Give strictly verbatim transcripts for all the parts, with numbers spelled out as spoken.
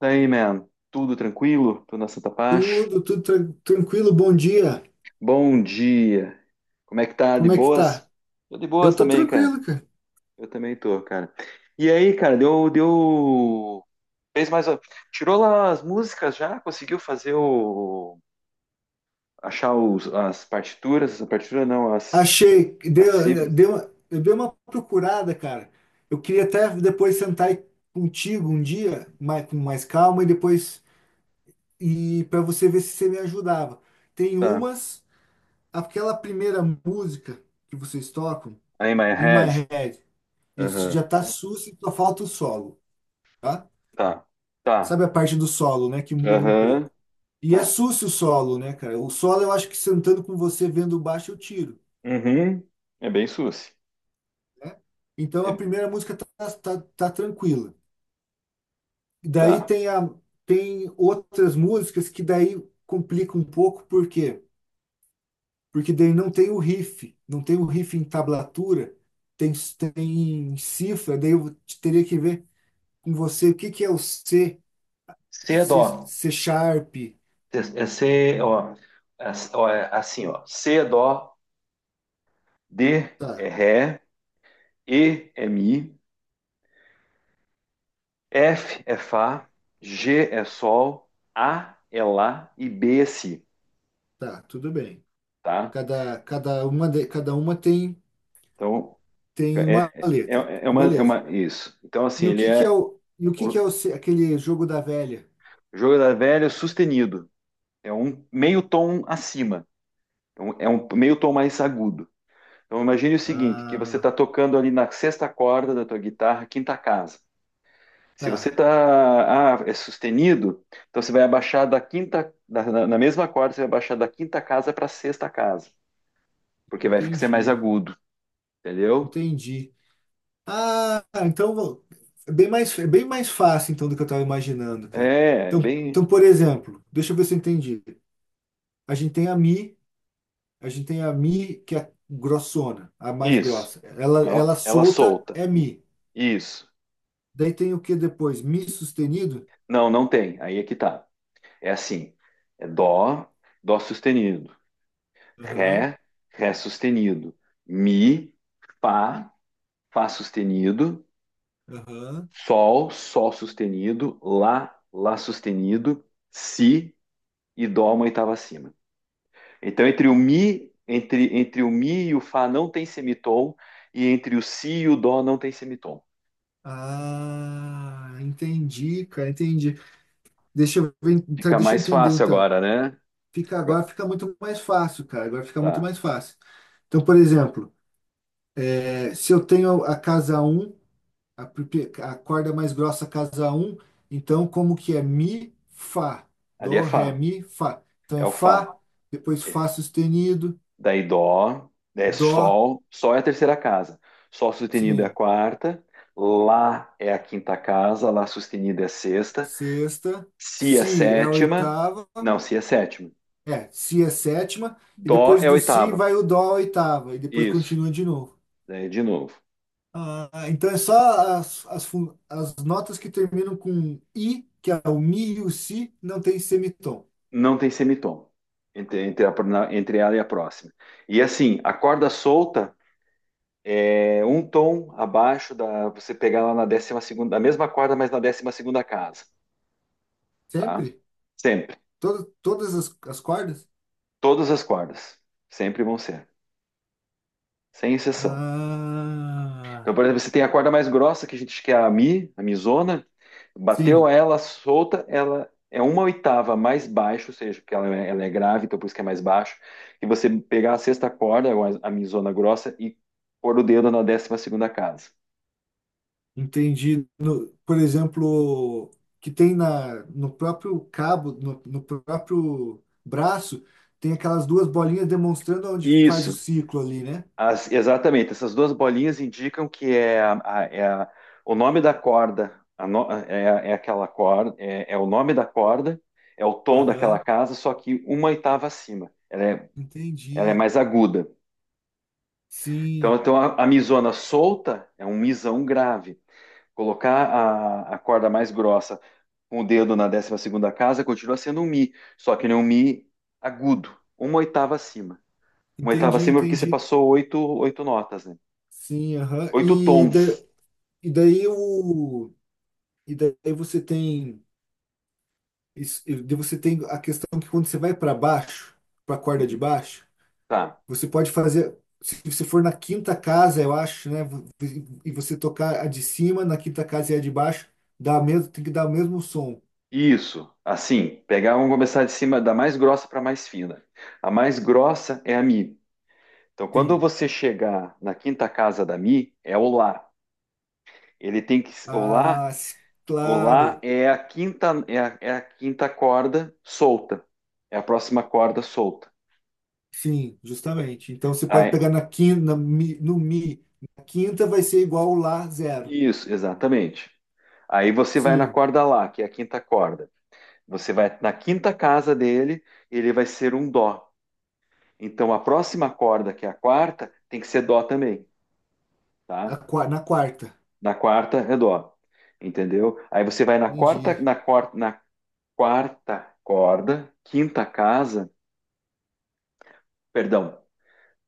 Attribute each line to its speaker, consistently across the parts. Speaker 1: Daí, man, tudo tranquilo? Tudo na Santa Paz?
Speaker 2: Tudo, tudo tran- tranquilo, bom dia.
Speaker 1: Bom dia! Como é que tá? De
Speaker 2: Como é que
Speaker 1: boas?
Speaker 2: tá?
Speaker 1: Tô de
Speaker 2: Eu
Speaker 1: boas
Speaker 2: tô
Speaker 1: também, cara.
Speaker 2: tranquilo, cara.
Speaker 1: Eu também tô, cara. E aí, cara, deu, deu... Fez mais... Tirou lá as músicas já? Conseguiu fazer o... Achar os, as partituras? A partitura não, as,
Speaker 2: Achei,
Speaker 1: as
Speaker 2: deu,
Speaker 1: cifras.
Speaker 2: deu uma- eu dei uma procurada, cara. Eu queria até depois sentar aí contigo um dia, mais, com mais calma, e depois e para você ver se você me ajudava. Tem
Speaker 1: Tá.
Speaker 2: umas, Aquela primeira música que vocês tocam,
Speaker 1: Aí, my
Speaker 2: In
Speaker 1: head.
Speaker 2: My Head, isso
Speaker 1: Aham.
Speaker 2: já tá sus e só falta o solo, tá?
Speaker 1: Tá. Tá.
Speaker 2: Sabe a parte do solo, né? Que muda um
Speaker 1: Aham.
Speaker 2: pouco. E é
Speaker 1: Tá.
Speaker 2: sucio o solo, né, cara? O solo eu acho que sentando com você vendo baixo eu tiro,
Speaker 1: Uhum. É bem suci.
Speaker 2: né? Então a
Speaker 1: É-
Speaker 2: primeira música tá, tá, tá tranquila. E daí
Speaker 1: Tá.
Speaker 2: tem, a, tem outras músicas que daí complica um pouco, por quê? Porque daí não tem o riff, não tem o riff em tablatura, tem, tem em cifra, daí eu teria que ver com você o que que é o C,
Speaker 1: C é
Speaker 2: C,
Speaker 1: dó.
Speaker 2: C sharp.
Speaker 1: É é C, ó, é- ó, é assim, ó. C é dó, D é
Speaker 2: Tá,
Speaker 1: ré, E é mi, F é fá, G é sol, A é lá e B é si,
Speaker 2: tá, tudo bem.
Speaker 1: tá?
Speaker 2: Cada, cada uma, de- cada uma tem,
Speaker 1: Então,
Speaker 2: tem
Speaker 1: é,
Speaker 2: uma
Speaker 1: é,
Speaker 2: letra.
Speaker 1: é é uma, é
Speaker 2: Beleza.
Speaker 1: uma, isso. Então, assim,
Speaker 2: E o
Speaker 1: ele
Speaker 2: que que
Speaker 1: é
Speaker 2: é o, e o que que
Speaker 1: o
Speaker 2: é o, se- Aquele jogo da velha?
Speaker 1: jogo da velha sustenido. É um meio tom acima. Então, é um meio tom mais agudo. Então, imagine o seguinte, que você está
Speaker 2: Ah,
Speaker 1: tocando ali na sexta corda da tua guitarra, quinta casa. Se você
Speaker 2: tá.
Speaker 1: tá, ah, é sustenido, então você vai abaixar da quinta, da- na, na mesma corda, você vai abaixar da quinta casa para a sexta casa, porque vai ficar ser mais
Speaker 2: Entendi.
Speaker 1: agudo, entendeu?
Speaker 2: Entendi. Ah, então vou- é bem mais, É bem mais fácil então do que eu estava imaginando, cara.
Speaker 1: É, é
Speaker 2: Então,
Speaker 1: bem
Speaker 2: então, por exemplo, deixa eu ver se eu entendi. A gente tem a Mi, a gente tem a Mi que é grossona, a mais
Speaker 1: isso.
Speaker 2: grossa. Ela,
Speaker 1: Ela,
Speaker 2: ela
Speaker 1: ela
Speaker 2: solta
Speaker 1: solta.
Speaker 2: é Mi.
Speaker 1: Isso.
Speaker 2: Daí tem o que depois? Mi sustenido?
Speaker 1: Não, não tem. Aí é que tá. É assim. É dó, dó sustenido,
Speaker 2: Aham,
Speaker 1: ré, ré sustenido, mi, fá, fá sustenido,
Speaker 2: aham.
Speaker 1: sol, sol sustenido, lá, lá sustenido, si e dó uma oitava acima. Então, entre o mi, entre, entre o mi e o fá não tem semitom, e entre o si e o dó não tem semitom.
Speaker 2: Ah, entendi, cara, entendi. Deixa eu ver, tá,
Speaker 1: Fica
Speaker 2: deixa eu
Speaker 1: mais
Speaker 2: entender
Speaker 1: fácil
Speaker 2: então.
Speaker 1: agora, né?
Speaker 2: Fica
Speaker 1: Agora-
Speaker 2: Agora fica muito mais fácil, cara. Agora fica muito
Speaker 1: tá.
Speaker 2: mais fácil. Então, por exemplo, é, se eu tenho a casa um, a, pri- a corda mais grossa casa um, então como que é mi, fá,
Speaker 1: Ali é
Speaker 2: dó, ré,
Speaker 1: fá,
Speaker 2: mi, fá. Então
Speaker 1: é
Speaker 2: é
Speaker 1: o fá.
Speaker 2: fá, depois
Speaker 1: É.
Speaker 2: fá sustenido,
Speaker 1: Daí dó, é
Speaker 2: dó,
Speaker 1: sol, sol é a terceira casa. Sol sustenido é a
Speaker 2: sim,
Speaker 1: quarta, lá é a quinta casa, lá sustenido é a sexta,
Speaker 2: sexta,
Speaker 1: si é a
Speaker 2: si é a
Speaker 1: sétima,
Speaker 2: oitava.
Speaker 1: não, si é a sétima.
Speaker 2: É, si é sétima, e
Speaker 1: Dó
Speaker 2: depois
Speaker 1: é a
Speaker 2: do si
Speaker 1: oitava.
Speaker 2: vai o dó a oitava, e depois
Speaker 1: Isso.
Speaker 2: continua de novo.
Speaker 1: Daí de novo.
Speaker 2: Ah, então é só as, as, fun- as notas que terminam com i, que é o mi e o si, não tem semitom.
Speaker 1: Não tem semitom entre, entre, a- na- entre ela e a próxima. E assim, a corda solta é um tom abaixo da você pegar lá na décima segunda, a mesma corda, mas na décima segunda casa, tá?
Speaker 2: Sempre?
Speaker 1: Sempre.
Speaker 2: Todo, todas as, as cordas?
Speaker 1: Todas as cordas sempre vão ser, sem exceção. Então,
Speaker 2: Ah,
Speaker 1: por exemplo, você tem a corda mais grossa que a gente que é a mi, a mizona, bateu
Speaker 2: sim,
Speaker 1: ela solta, ela é uma oitava mais baixo, ou seja, porque ela é, ela é grave, então por isso que é mais baixo. E você pegar a sexta corda, ou a, a mizona grossa, e pôr o dedo na décima segunda casa.
Speaker 2: entendi. No- por exemplo, que tem na, no próprio cabo, no, no próprio braço, tem aquelas duas bolinhas demonstrando onde faz o
Speaker 1: Isso,
Speaker 2: ciclo ali, né?
Speaker 1: as- exatamente. Essas duas bolinhas indicam que é, a- a- é a- o nome da corda, a no- é, é aquela corda, é, é o nome da corda, é o tom daquela
Speaker 2: Aham.
Speaker 1: casa, só que uma oitava acima. Ela é, ela é
Speaker 2: Entendi.
Speaker 1: mais aguda. Então,
Speaker 2: Sim,
Speaker 1: então a, a misona solta é um misão grave. Colocar a, a corda mais grossa com o dedo na décima segunda casa continua sendo um mi, só que não é um mi agudo, uma oitava acima. Uma oitava
Speaker 2: entendi,
Speaker 1: acima porque você
Speaker 2: entendi.
Speaker 1: passou oito, oito notas, né?
Speaker 2: Sim, aham.
Speaker 1: Oito
Speaker 2: E, da,
Speaker 1: tons.
Speaker 2: e daí o e daí você tem isso, e daí você tem a questão que quando você vai para baixo, para a corda de
Speaker 1: Uhum.
Speaker 2: baixo,
Speaker 1: Tá.
Speaker 2: você pode fazer se você for na quinta casa, eu acho, né, vo- e você tocar a de cima, na quinta casa e a de baixo, dá mesmo, tem que dar o mesmo som.
Speaker 1: Isso, assim, pegar, vamos começar de cima da mais grossa para a mais fina. A mais grossa é a Mi. Então, quando
Speaker 2: Sim.
Speaker 1: você chegar na quinta casa da Mi, é o Lá. Ele tem que, o Lá,
Speaker 2: Ah, s-
Speaker 1: o Lá
Speaker 2: claro.
Speaker 1: é a quinta, é a, é a quinta corda solta. É a próxima corda solta.
Speaker 2: Sim, justamente. Então você pode
Speaker 1: Aí-
Speaker 2: pegar na quinta, na mi- no mi, na quinta vai ser igual lá zero.
Speaker 1: isso, exatamente. Aí você vai na
Speaker 2: Sim,
Speaker 1: corda Lá, que é a quinta corda. Você vai na quinta casa dele, ele vai ser um Dó. Então a próxima corda, que é a quarta, tem que ser Dó também,
Speaker 2: a
Speaker 1: tá?
Speaker 2: qua- na quarta.
Speaker 1: Na quarta é Dó. Entendeu? Aí você vai na quarta,
Speaker 2: Entendi.
Speaker 1: na quarta, na quarta corda, quinta casa, perdão,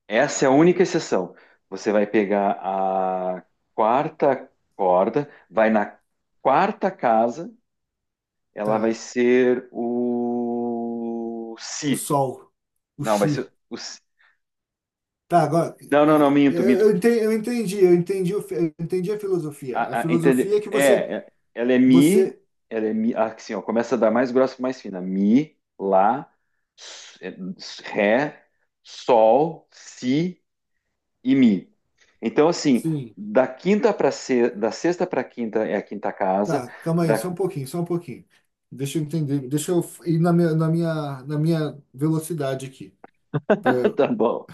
Speaker 1: essa é a única exceção. Você vai pegar a quarta corda, vai na quarta casa, ela vai
Speaker 2: Tá.
Speaker 1: ser o
Speaker 2: O
Speaker 1: si.
Speaker 2: sol, o
Speaker 1: Não, vai ser
Speaker 2: chi.
Speaker 1: o si.
Speaker 2: Tá, agora e-
Speaker 1: Não, não, não,
Speaker 2: e-
Speaker 1: minto, minto.
Speaker 2: eu entendi, eu entendi, eu entendi, o fi- eu entendi a filosofia. A
Speaker 1: A, a- entende?
Speaker 2: filosofia é que
Speaker 1: É,
Speaker 2: você,
Speaker 1: é- ela é mi,
Speaker 2: você,
Speaker 1: ela é mi, ah, assim, ó, começa da mais grossa para mais fina. Mi, lá, s- é, s- ré, sol, si e Mi. Então, assim,
Speaker 2: sim.
Speaker 1: da quinta para se... da sexta para quinta é a quinta casa.
Speaker 2: Tá, calma aí, só
Speaker 1: Da...
Speaker 2: um pouquinho, só um pouquinho. Deixa eu entender, deixa eu ir na minha, na minha, na minha velocidade aqui. Eh,
Speaker 1: Tá bom.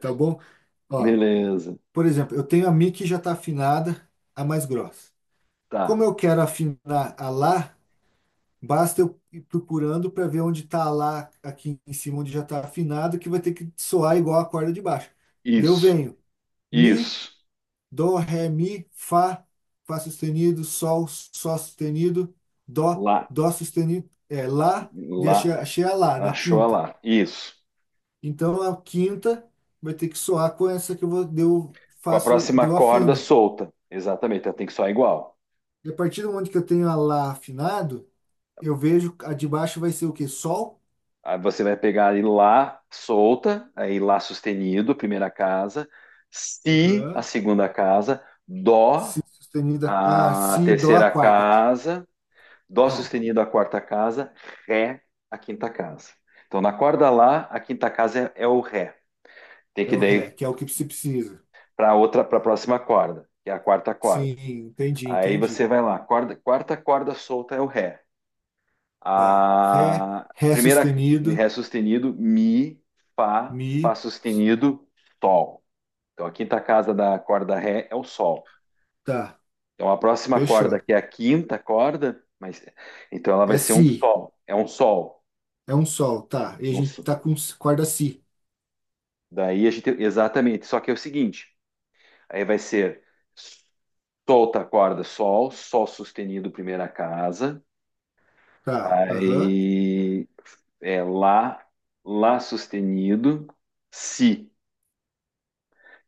Speaker 2: Tá bom? Ó.
Speaker 1: Beleza.
Speaker 2: Por exemplo, eu tenho a Mi que já está afinada, a mais grossa. Como
Speaker 1: Tá.
Speaker 2: eu quero afinar a Lá, basta eu ir procurando para ver onde está a Lá aqui em cima, onde já está afinado, que vai ter que soar igual a corda de baixo. Daí eu
Speaker 1: Isso.
Speaker 2: venho Mi,
Speaker 1: Isso.
Speaker 2: Dó, Ré, Mi, Fá, Fá sustenido, Sol, Sol sustenido, Dó,
Speaker 1: Lá.
Speaker 2: Dó sustenido, é Lá, daí
Speaker 1: Lá.
Speaker 2: achei, achei a Lá na
Speaker 1: Achou a
Speaker 2: quinta.
Speaker 1: lá. Isso.
Speaker 2: Então a quinta vai ter que soar com essa que eu vou, daí eu
Speaker 1: Com a
Speaker 2: faço,
Speaker 1: próxima
Speaker 2: daí eu
Speaker 1: corda
Speaker 2: afino.
Speaker 1: solta. Exatamente. Ela tem que soar igual.
Speaker 2: E a partir do momento que eu tenho a lá afinado, eu vejo a de baixo vai ser o quê? Sol?
Speaker 1: Aí você vai pegar aí lá solta, aí lá sustenido, primeira casa, si, a
Speaker 2: Aham.
Speaker 1: segunda casa, dó,
Speaker 2: Si sustenida. Ah,
Speaker 1: a
Speaker 2: si, dó a
Speaker 1: terceira
Speaker 2: quarta.
Speaker 1: casa, Dó
Speaker 2: Não,
Speaker 1: sustenido a quarta casa, Ré a quinta casa. Então, na corda Lá, a quinta casa é, é o Ré. Tem
Speaker 2: é
Speaker 1: que
Speaker 2: o
Speaker 1: daí
Speaker 2: ré, que é o que se precisa.
Speaker 1: para outra, para a próxima corda, que é a quarta corda.
Speaker 2: Sim, entendi,
Speaker 1: Aí você
Speaker 2: entendi.
Speaker 1: vai lá, corda, quarta corda solta é o Ré.
Speaker 2: Tá. Ré,
Speaker 1: A
Speaker 2: ré
Speaker 1: primeira Ré
Speaker 2: sustenido,
Speaker 1: sustenido, Mi, Fá, Fá
Speaker 2: mi.
Speaker 1: sustenido, Sol. Então, a quinta casa da corda Ré é o Sol.
Speaker 2: Tá,
Speaker 1: Então, a próxima corda,
Speaker 2: fechou.
Speaker 1: que é a quinta corda, mas então ela
Speaker 2: É
Speaker 1: vai ser um
Speaker 2: si,
Speaker 1: Sol. É um Sol.
Speaker 2: é um sol, tá. E a
Speaker 1: Um,
Speaker 2: gente tá com s- corda si.
Speaker 1: daí a gente, exatamente, só que é o seguinte, aí vai ser solta a corda sol, sol sustenido primeira casa,
Speaker 2: Tá, aham,
Speaker 1: aí é lá, lá sustenido, si.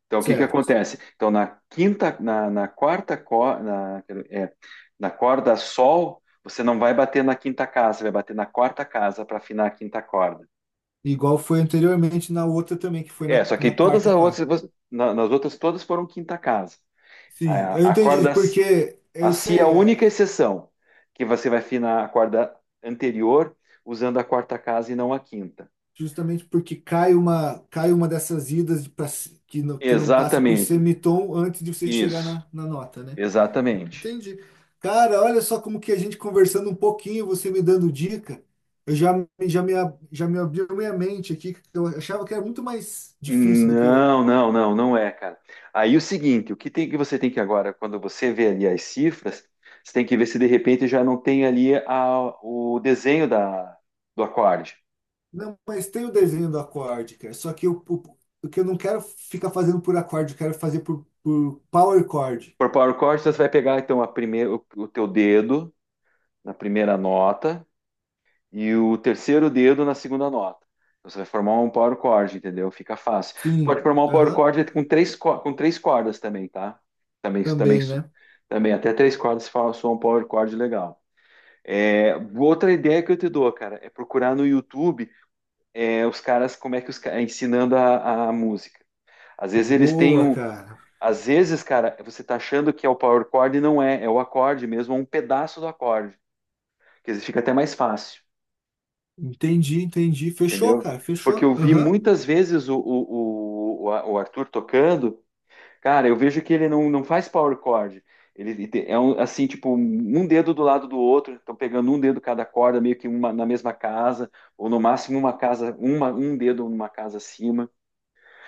Speaker 1: Então o que que
Speaker 2: certo.
Speaker 1: acontece? Então na quinta, na, na quarta corda, na, é, na corda sol, você não vai bater na quinta casa, você vai bater na quarta casa para afinar a quinta corda.
Speaker 2: Igual foi anteriormente na outra também, que foi
Speaker 1: É,
Speaker 2: na,
Speaker 1: só que
Speaker 2: na
Speaker 1: todas
Speaker 2: quarta
Speaker 1: as
Speaker 2: corda.
Speaker 1: outras, na- nas outras todas foram quinta casa.
Speaker 2: Sim, eu
Speaker 1: A, a
Speaker 2: entendi,
Speaker 1: corda
Speaker 2: porque
Speaker 1: A
Speaker 2: eu
Speaker 1: C I A é a
Speaker 2: sei,
Speaker 1: única
Speaker 2: é,
Speaker 1: exceção, que você vai afinar a corda anterior usando a quarta casa e não a quinta.
Speaker 2: justamente porque cai uma, cai uma dessas idas de pra- que, não, que não passa por
Speaker 1: Exatamente.
Speaker 2: semitom antes de você chegar
Speaker 1: Isso.
Speaker 2: na, na nota, né?
Speaker 1: Exatamente.
Speaker 2: Entendi. Cara, olha só como que a gente conversando um pouquinho, você me dando dica, eu já, me- já, me, ab- já me abriu minha mente aqui, que eu achava que era muito mais difícil do que.
Speaker 1: Não, não, não, não é, cara. Aí o seguinte, o que tem que você tem que agora, quando você vê ali as cifras, você tem que ver se de repente já não tem ali a- o desenho da, do acorde.
Speaker 2: Não, mas tem o desenho do acorde, cara, só que eu, o, o que eu não quero ficar fazendo por acorde, eu quero fazer por, por power chord.
Speaker 1: Por power chord, você vai pegar então a primeira, o, o teu dedo na primeira nota, e o terceiro dedo na segunda nota. Então, você vai formar um power chord, entendeu? Fica fácil. Você pode
Speaker 2: Sim.
Speaker 1: formar um power
Speaker 2: Aham.
Speaker 1: chord com três, co- com três cordas também, tá? Também, também,
Speaker 2: Também,
Speaker 1: su-
Speaker 2: né?
Speaker 1: também até três cordas se fala, soa um power chord legal. É, outra ideia que eu te dou, cara, é procurar no YouTube é, os caras, como é que os caras ensinando a, a música. Às vezes eles têm
Speaker 2: Boa,
Speaker 1: um.
Speaker 2: cara.
Speaker 1: Às vezes, cara, você tá achando que é o power chord e não é, é o acorde mesmo, é um pedaço do acorde, que às vezes fica até mais fácil.
Speaker 2: Entendi, entendi. Fechou,
Speaker 1: Entendeu?
Speaker 2: cara,
Speaker 1: Porque
Speaker 2: fechou.
Speaker 1: eu vi
Speaker 2: Aham.
Speaker 1: muitas vezes o, o, o, o Arthur tocando, cara, eu vejo que ele não, não faz power chord. Ele te- é um, assim, tipo, um dedo do lado do outro, estão pegando um dedo cada corda, meio que uma, na mesma casa, ou no máximo uma casa, uma, um dedo numa casa acima.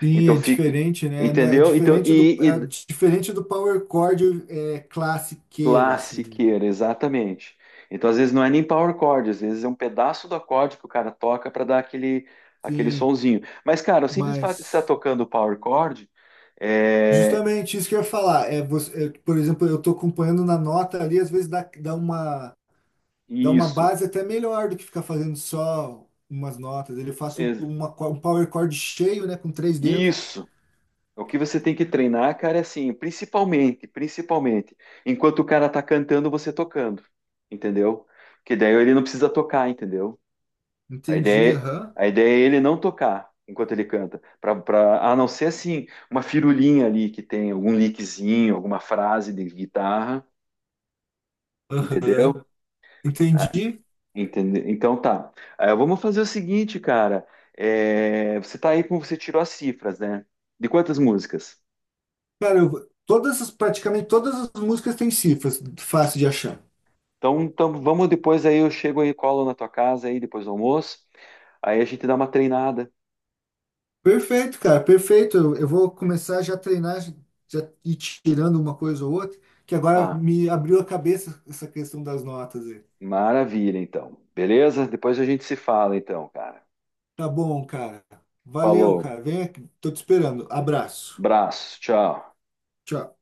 Speaker 2: Sim,
Speaker 1: Então
Speaker 2: é
Speaker 1: fica,
Speaker 2: diferente, né? Não. É é
Speaker 1: entendeu? Então,
Speaker 2: diferente do,
Speaker 1: e,
Speaker 2: é
Speaker 1: e
Speaker 2: diferente do Power Chord, é classiqueira, assim.
Speaker 1: classiqueira, exatamente. Então, às vezes, não é nem power chord, às vezes é um pedaço do acorde que o cara toca para dar aquele, aquele
Speaker 2: Sim,
Speaker 1: sonzinho. Mas, cara, o simples fato de estar
Speaker 2: mas
Speaker 1: tocando power chord é
Speaker 2: justamente isso que eu ia falar. É, você, é, por exemplo, eu tô acompanhando na nota ali, às vezes dá, dá uma, dá uma
Speaker 1: isso,
Speaker 2: base até melhor do que ficar fazendo só umas notas. Ele faz
Speaker 1: ex-
Speaker 2: uma, co- um Power Chord cheio, né? Com três dedos.
Speaker 1: isso. O que você tem que treinar, cara, é assim, principalmente, principalmente, enquanto o cara tá cantando, você tocando, entendeu? Que daí ele não precisa tocar, entendeu? A
Speaker 2: Entendi,
Speaker 1: ideia,
Speaker 2: aham.
Speaker 1: é, a ideia é ele não tocar enquanto ele canta, pra, pra- a não ser assim, uma firulinha ali que tem algum lickzinho, alguma frase de guitarra,
Speaker 2: Aham,
Speaker 1: entendeu? Ah,
Speaker 2: entendi.
Speaker 1: entende- então tá. Ah, vamos fazer o seguinte, cara. É, você tá aí com você tirou as cifras, né? De quantas músicas?
Speaker 2: Cara, eu, todas as, praticamente todas as músicas têm cifras, fácil de achar.
Speaker 1: Então, então vamos depois aí, eu chego aí, colo na tua casa aí depois do almoço. Aí a gente dá uma treinada.
Speaker 2: Perfeito, cara, perfeito. Eu, eu vou começar já a treinar, já ir tirando uma coisa ou outra, que agora
Speaker 1: Tá,
Speaker 2: me abriu a cabeça essa questão das notas aí.
Speaker 1: maravilha então. Beleza? Depois a gente se fala então, cara.
Speaker 2: Tá bom, cara. Valeu,
Speaker 1: Falou.
Speaker 2: cara. Vem aqui, tô te esperando. Abraço.
Speaker 1: Abraço, tchau.
Speaker 2: Tchau.